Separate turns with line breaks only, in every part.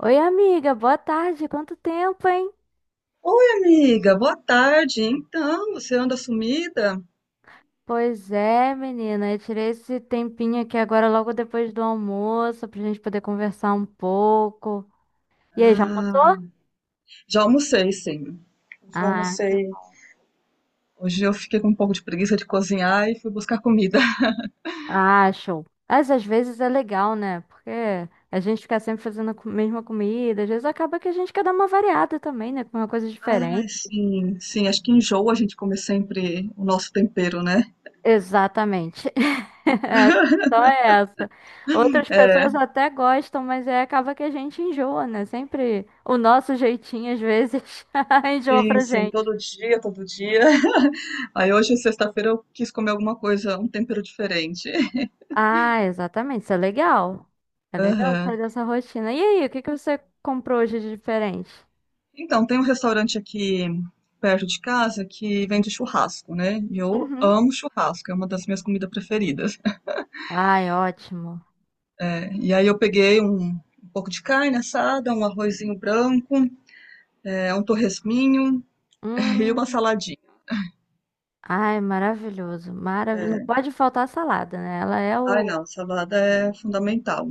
Oi, amiga, boa tarde. Quanto tempo, hein?
Oi, amiga, boa tarde. Então, você anda sumida?
Pois é, menina, eu tirei esse tempinho aqui agora logo depois do almoço pra gente poder conversar um pouco. E aí, já
Ah,
almoçou?
já almocei, sim. Já
Ah, que
almocei.
bom.
Hoje eu fiquei com um pouco de preguiça de cozinhar e fui buscar comida.
Ah, show. Mas às vezes é legal, né? Porque a gente fica sempre fazendo a mesma comida, às vezes acaba que a gente quer dar uma variada também, né? Com uma coisa
Ai,
diferente.
sim, sim. Acho que enjoa a gente comer sempre o nosso tempero, né?
Exatamente. A questão é essa. Outras
É,
pessoas até gostam, mas é, acaba que a gente enjoa, né? Sempre o nosso jeitinho, às vezes, enjoa
sim,
pra
sim.
gente.
Todo dia, todo dia. Aí hoje, sexta-feira, eu quis comer alguma coisa, um tempero diferente.
Ah, exatamente. Isso é legal. É legal sair
Aham.
dessa rotina. E aí, o que que você comprou hoje de diferente?
Então, tem um restaurante aqui perto de casa que vende churrasco, né? E eu
Uhum.
amo churrasco, é uma das minhas comidas preferidas.
Ai, ótimo.
É, e aí eu peguei um pouco de carne assada, um arrozinho branco, é, um torresminho e uma
Hum.
saladinha.
Ai, maravilhoso. Maravilhoso. Não
É,
pode faltar salada, né? Ela é
ai,
o...
não, salada é fundamental.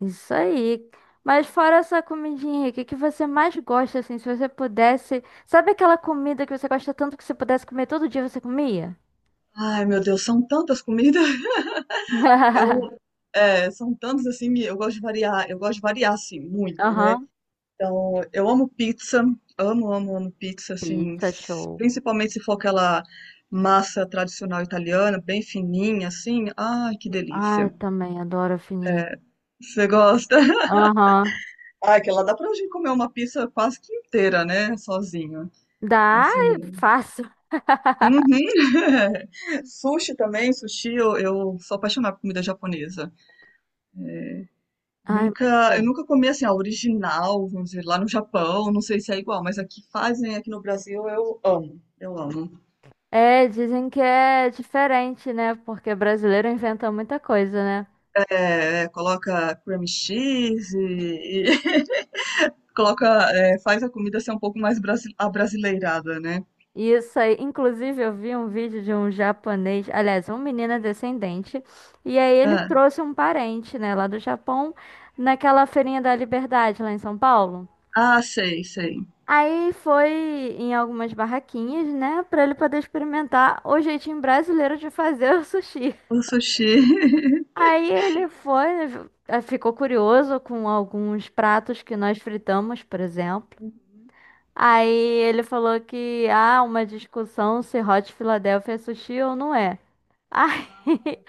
Isso aí. Mas fora essa comidinha, o que que você mais gosta, assim, se você pudesse... Sabe aquela comida que você gosta tanto que você pudesse comer todo dia, você comia?
Ai, meu Deus, são tantas comidas. Eu, é, são tantas assim, eu gosto de variar, eu gosto de variar assim muito, né?
Aham.
Então, eu amo pizza, amo, amo, amo pizza, assim,
Pizza, show.
principalmente se for aquela massa tradicional italiana, bem fininha, assim. Ai, que
Ai,
delícia.
também adoro a fininha.
Você gosta?
Aham.
Ai, que lá dá pra gente comer uma pizza quase que inteira, né? Sozinho.
Dá, ai,
Assim.
fácil.
Uhum. Sushi também, sushi, eu sou apaixonada por comida japonesa.
Ai, muito
Nunca, eu
bom.
nunca comi assim, a original, vamos dizer, lá no Japão, não sei se é igual, mas aqui fazem, aqui no Brasil, eu amo. Eu amo.
É, dizem que é diferente, né? Porque brasileiro inventa muita coisa, né?
É, coloca cream cheese e, coloca, é, faz a comida ser um pouco mais brasi abrasileirada, né?
Isso aí, inclusive eu vi um vídeo de um japonês, aliás, um menino é descendente, e aí ele
Ah,
trouxe um parente, né, lá do Japão, naquela feirinha da Liberdade, lá em São Paulo.
ah, sei, sei.
Aí foi em algumas barraquinhas, né, pra ele poder experimentar o jeitinho brasileiro de fazer o sushi.
O sushi.
Aí ele foi, ficou curioso com alguns pratos que nós fritamos, por exemplo. Aí ele falou que há uma discussão se Hot Philadelphia é sushi ou não é. Ai,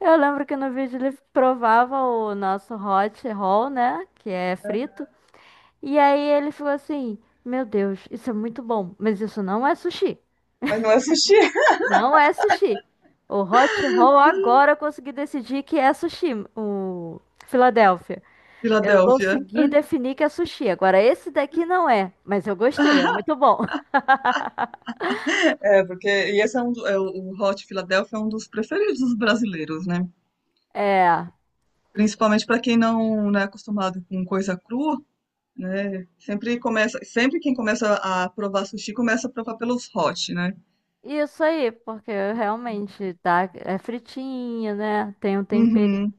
eu lembro que no vídeo ele provava o nosso hot roll, né? Que é frito. E aí ele falou assim: Meu Deus, isso é muito bom, mas isso não é sushi.
Mas não é sushi.
Não é sushi. O hot roll agora eu consegui decidir que é sushi, o Filadélfia. Eu
Filadélfia.
consegui definir que é sushi. Agora esse daqui não é, mas eu gostei, é muito bom.
É, porque e esse é é, o Hot Filadélfia é um dos preferidos dos brasileiros, né?
É,
Principalmente para quem não, não é acostumado com coisa crua, né? Sempre começa, sempre quem começa a provar sushi começa a provar pelos hot, né?
isso aí, porque realmente tá, é fritinho, né? Tem um temperinho.
Uhum.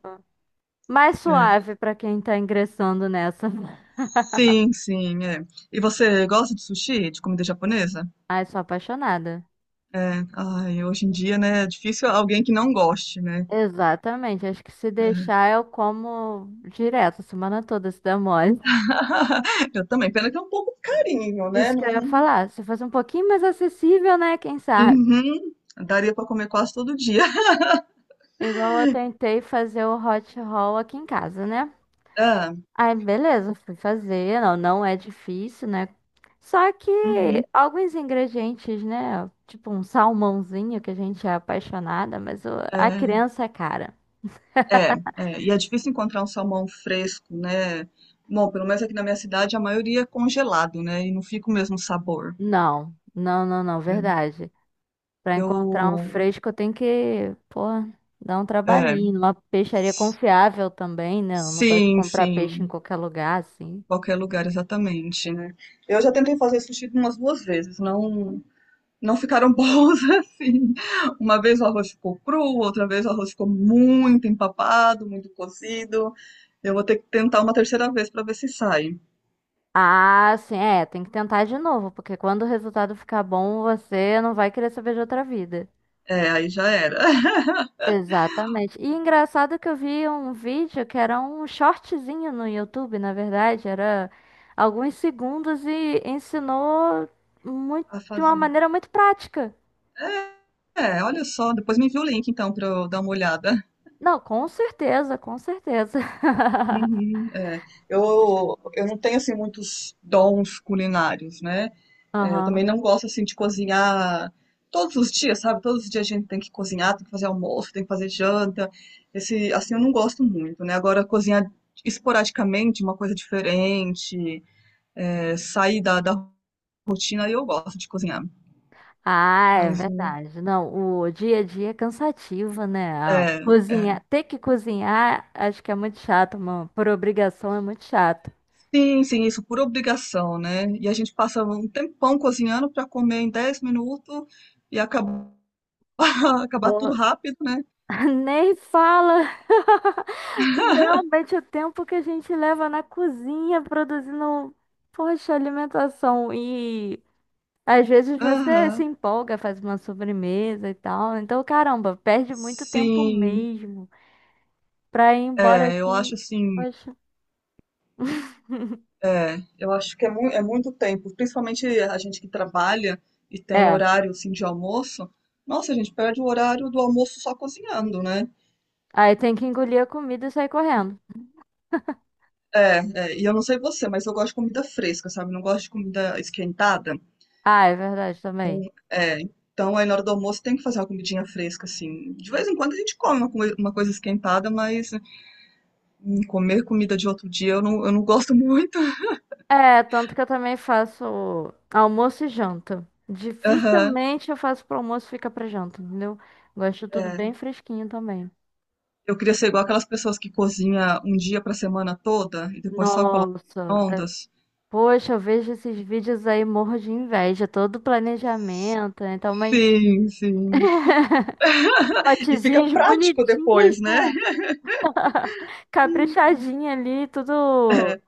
Mais
É.
suave pra quem tá ingressando nessa.
Sim, sim, é. E você gosta de sushi, de comida japonesa?
Ai, sou apaixonada.
É, ai, hoje em dia, né, é difícil alguém que não goste, né?
Exatamente, acho que se deixar eu como direto, a semana toda se der mole.
Eu também, pena que é um pouco carinho, né?
Isso que eu ia
Não...
falar, se fosse um pouquinho mais acessível, né? Quem sabe?
Uhum, daria pra comer quase todo dia.
Igual eu tentei fazer o hot roll aqui em casa, né?
Ah,
Aí, beleza, fui fazer, não, não é difícil, né? Só que
uhum,
alguns ingredientes, né? Tipo um salmãozinho que a gente é apaixonada, mas a
é,
criança é cara.
e é difícil encontrar um salmão fresco, né? Bom, pelo menos aqui na minha cidade a maioria é congelado, né? E não fica o mesmo sabor.
Não, não, não, não,
Né?
verdade. Pra encontrar um
Eu,
fresco, eu tenho que, pô, dar um
é,
trabalhinho, numa peixaria confiável também, né? Eu não gosto de
sim,
comprar peixe em
sim.
qualquer lugar, assim.
Qualquer lugar, exatamente, né? Eu já tentei fazer sushi umas duas vezes, não, não ficaram bons assim. Uma vez o arroz ficou cru, outra vez o arroz ficou muito empapado, muito cozido. Eu vou ter que tentar uma terceira vez para ver se sai.
Ah, sim, é, tem que tentar de novo, porque quando o resultado ficar bom, você não vai querer saber de outra vida.
É, aí já era.
Exatamente. E engraçado que eu vi um vídeo que era um shortzinho no YouTube, na verdade, era alguns segundos e ensinou muito,
A
de uma
fazer.
maneira muito prática.
É, olha só, depois me envia o link então para eu dar uma olhada.
Não, com certeza, com certeza.
Uhum, é. Eu não tenho assim muitos dons culinários, né? É, eu também
Aham.
não gosto assim de cozinhar todos os dias, sabe? Todos os dias a gente tem que cozinhar, tem que fazer almoço, tem que fazer janta. Esse, assim, eu não gosto muito, né? Agora cozinhar esporadicamente, uma coisa diferente, é, sair da rotina, aí eu gosto de cozinhar.
Ah, é
Mas
verdade. Não, o dia a dia é cansativo, né? Ah,
é, é.
cozinhar, ter que cozinhar, acho que é muito chato, mano. Por obrigação é muito chato.
Sim, sim, isso por obrigação, né? E a gente passa um tempão cozinhando para comer em 10 minutos e acaba acabar tudo
Pô,
rápido, né.
nem fala. Realmente o tempo que a gente leva na cozinha produzindo, poxa, alimentação e às vezes você se
Aham.
empolga, faz uma sobremesa e tal. Então, caramba, perde muito tempo
Sim.
mesmo. Pra ir embora
É, eu
assim.
acho assim,
Poxa.
é, eu acho que é muito tempo, principalmente a gente que trabalha e tem
É.
horário, assim, de almoço. Nossa, a gente perde o horário do almoço só cozinhando, né.
Aí tem que engolir a comida e sair correndo.
É, é, e eu não sei você, mas eu gosto de comida fresca, sabe, não gosto de comida esquentada.
Ah, é verdade
Então,
também.
é, então aí na hora do almoço tem que fazer uma comidinha fresca, assim. De vez em quando a gente come uma coisa esquentada, mas, comer comida de outro dia eu não gosto muito.
É, tanto que eu também faço almoço e janta.
Aham,
Dificilmente eu faço pro almoço e fica pra janta, entendeu? Gosto tudo bem
é.
fresquinho também.
Eu queria ser igual aquelas pessoas que cozinha um dia pra semana toda e depois só coloca no
Nossa.
micro-ondas.
Poxa, eu vejo esses vídeos aí, morro de inveja. Todo planejamento, né? Então, mas.
Sim, sim. E fica
Potezinhas
prático
bonitinhas,
depois, né?
né? Caprichadinha ali, tudo.
É,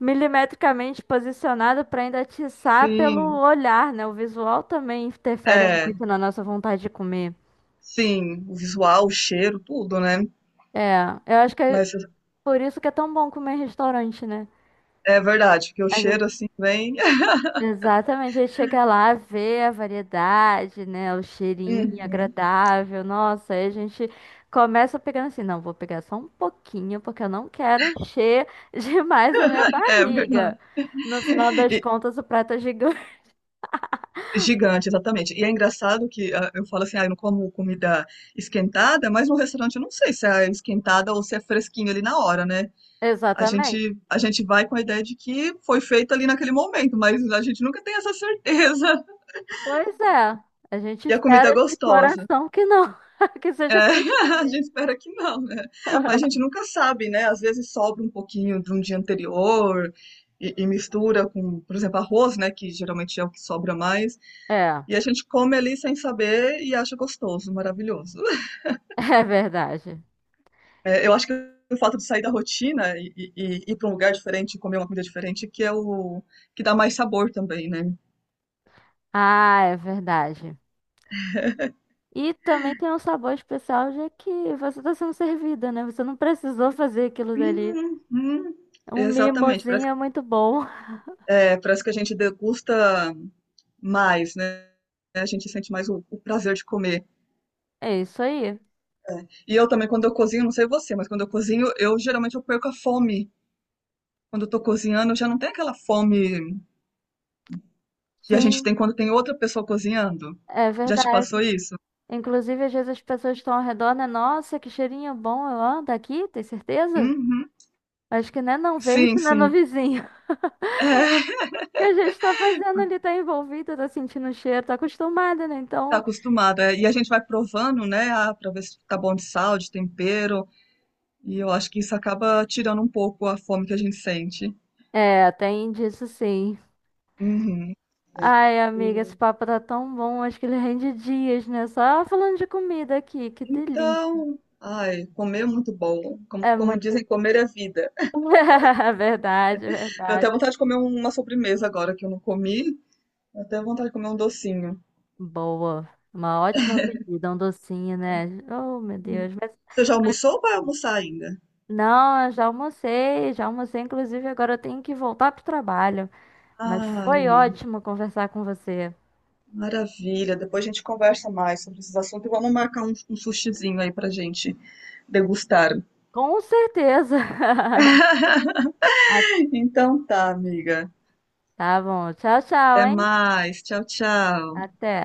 Milimetricamente posicionada para ainda atiçar pelo
sim,
olhar, né? O visual também interfere
é,
muito na nossa vontade de comer.
sim. O visual, o cheiro, tudo, né?
É, eu acho que é
Mas
por isso que é tão bom comer em restaurante, né?
é verdade, porque o
A
cheiro
gente,
assim vem.
exatamente, a gente chega lá, vê a variedade, né? O cheirinho
Uhum,
agradável, nossa, aí a gente começa pegando assim, não, vou pegar só um pouquinho, porque eu não quero encher demais a minha
é
barriga.
verdade.
No final das
E-
contas, o prato é gigante.
Gigante, exatamente. E é engraçado que, ah, eu falo assim, ah, eu não como comida esquentada, mas no restaurante eu não sei se é esquentada ou se é fresquinho ali na hora, né? A
Exatamente.
gente, a gente vai com a ideia de que foi feito ali naquele momento, mas a gente nunca tem essa certeza.
Pois é, a gente
E a comida
espera
é
de
gostosa.
coração que não, que
É,
seja
a
fresquinha.
gente espera que não, né? Mas a gente nunca sabe, né? Às vezes sobra um pouquinho de um dia anterior mistura com, por exemplo, arroz, né? Que geralmente é o que sobra mais.
É,
E a gente come ali sem saber e acha gostoso, maravilhoso.
é verdade.
É,
E-
eu acho que o fato de sair da rotina e ir para um lugar diferente, comer uma comida diferente, que é o que dá mais sabor também, né?
Ah, é verdade. E também tem um sabor especial, já que você está sendo servida, né? Você não precisou fazer aquilo dali.
Uhum.
Um
Exatamente, parece,
mimozinho é muito bom.
é, parece que a gente degusta mais, né? A gente sente mais o prazer de comer.
É isso aí.
É. E eu também, quando eu cozinho, não sei você, mas quando eu cozinho, eu geralmente eu perco a fome. Quando eu tô cozinhando, eu já não tem aquela fome que a gente
Sim,
tem quando tem outra pessoa cozinhando.
é
Já te
verdade.
passou isso?
Inclusive, às vezes as pessoas estão ao redor, né? Nossa, que cheirinho bom, ó, daqui, tem certeza?
Uhum.
Acho que né, não veio
Sim,
isso, né, no
sim.
vizinho.
É,
Que a gente tá fazendo ali, tá envolvida, tá sentindo o cheiro, tá acostumada, né?
tá
Então,
acostumada. E a gente vai provando, né? Ah, pra ver se tá bom de sal, de tempero. E eu acho que isso acaba tirando um pouco a fome que a gente sente.
é, tem disso sim.
Uhum.
Ai, amiga, esse papo tá tão bom, acho que ele rende dias, né? Só falando de comida aqui, que delícia.
Então, ai, comer é muito bom. Como,
É
como
muito.
dizem, comer é vida.
Verdade,
Deu até
verdade.
vontade de comer uma sobremesa agora que eu não comi. Deu até vontade de comer um docinho.
Boa. Uma ótima pedida, um docinho, né? Oh, meu Deus. Mas
Você já almoçou ou vai almoçar ainda?
não, eu já almocei, já almocei. Inclusive, agora eu tenho que voltar pro trabalho. Mas
Ai,
foi ótimo conversar com você.
maravilha. Depois a gente conversa mais sobre esses assuntos e vamos marcar um sushizinho aí pra gente degustar.
Com certeza. A
Então tá, amiga.
Tá bom. Tchau, tchau,
Até
hein?
mais. Tchau, tchau.
Até.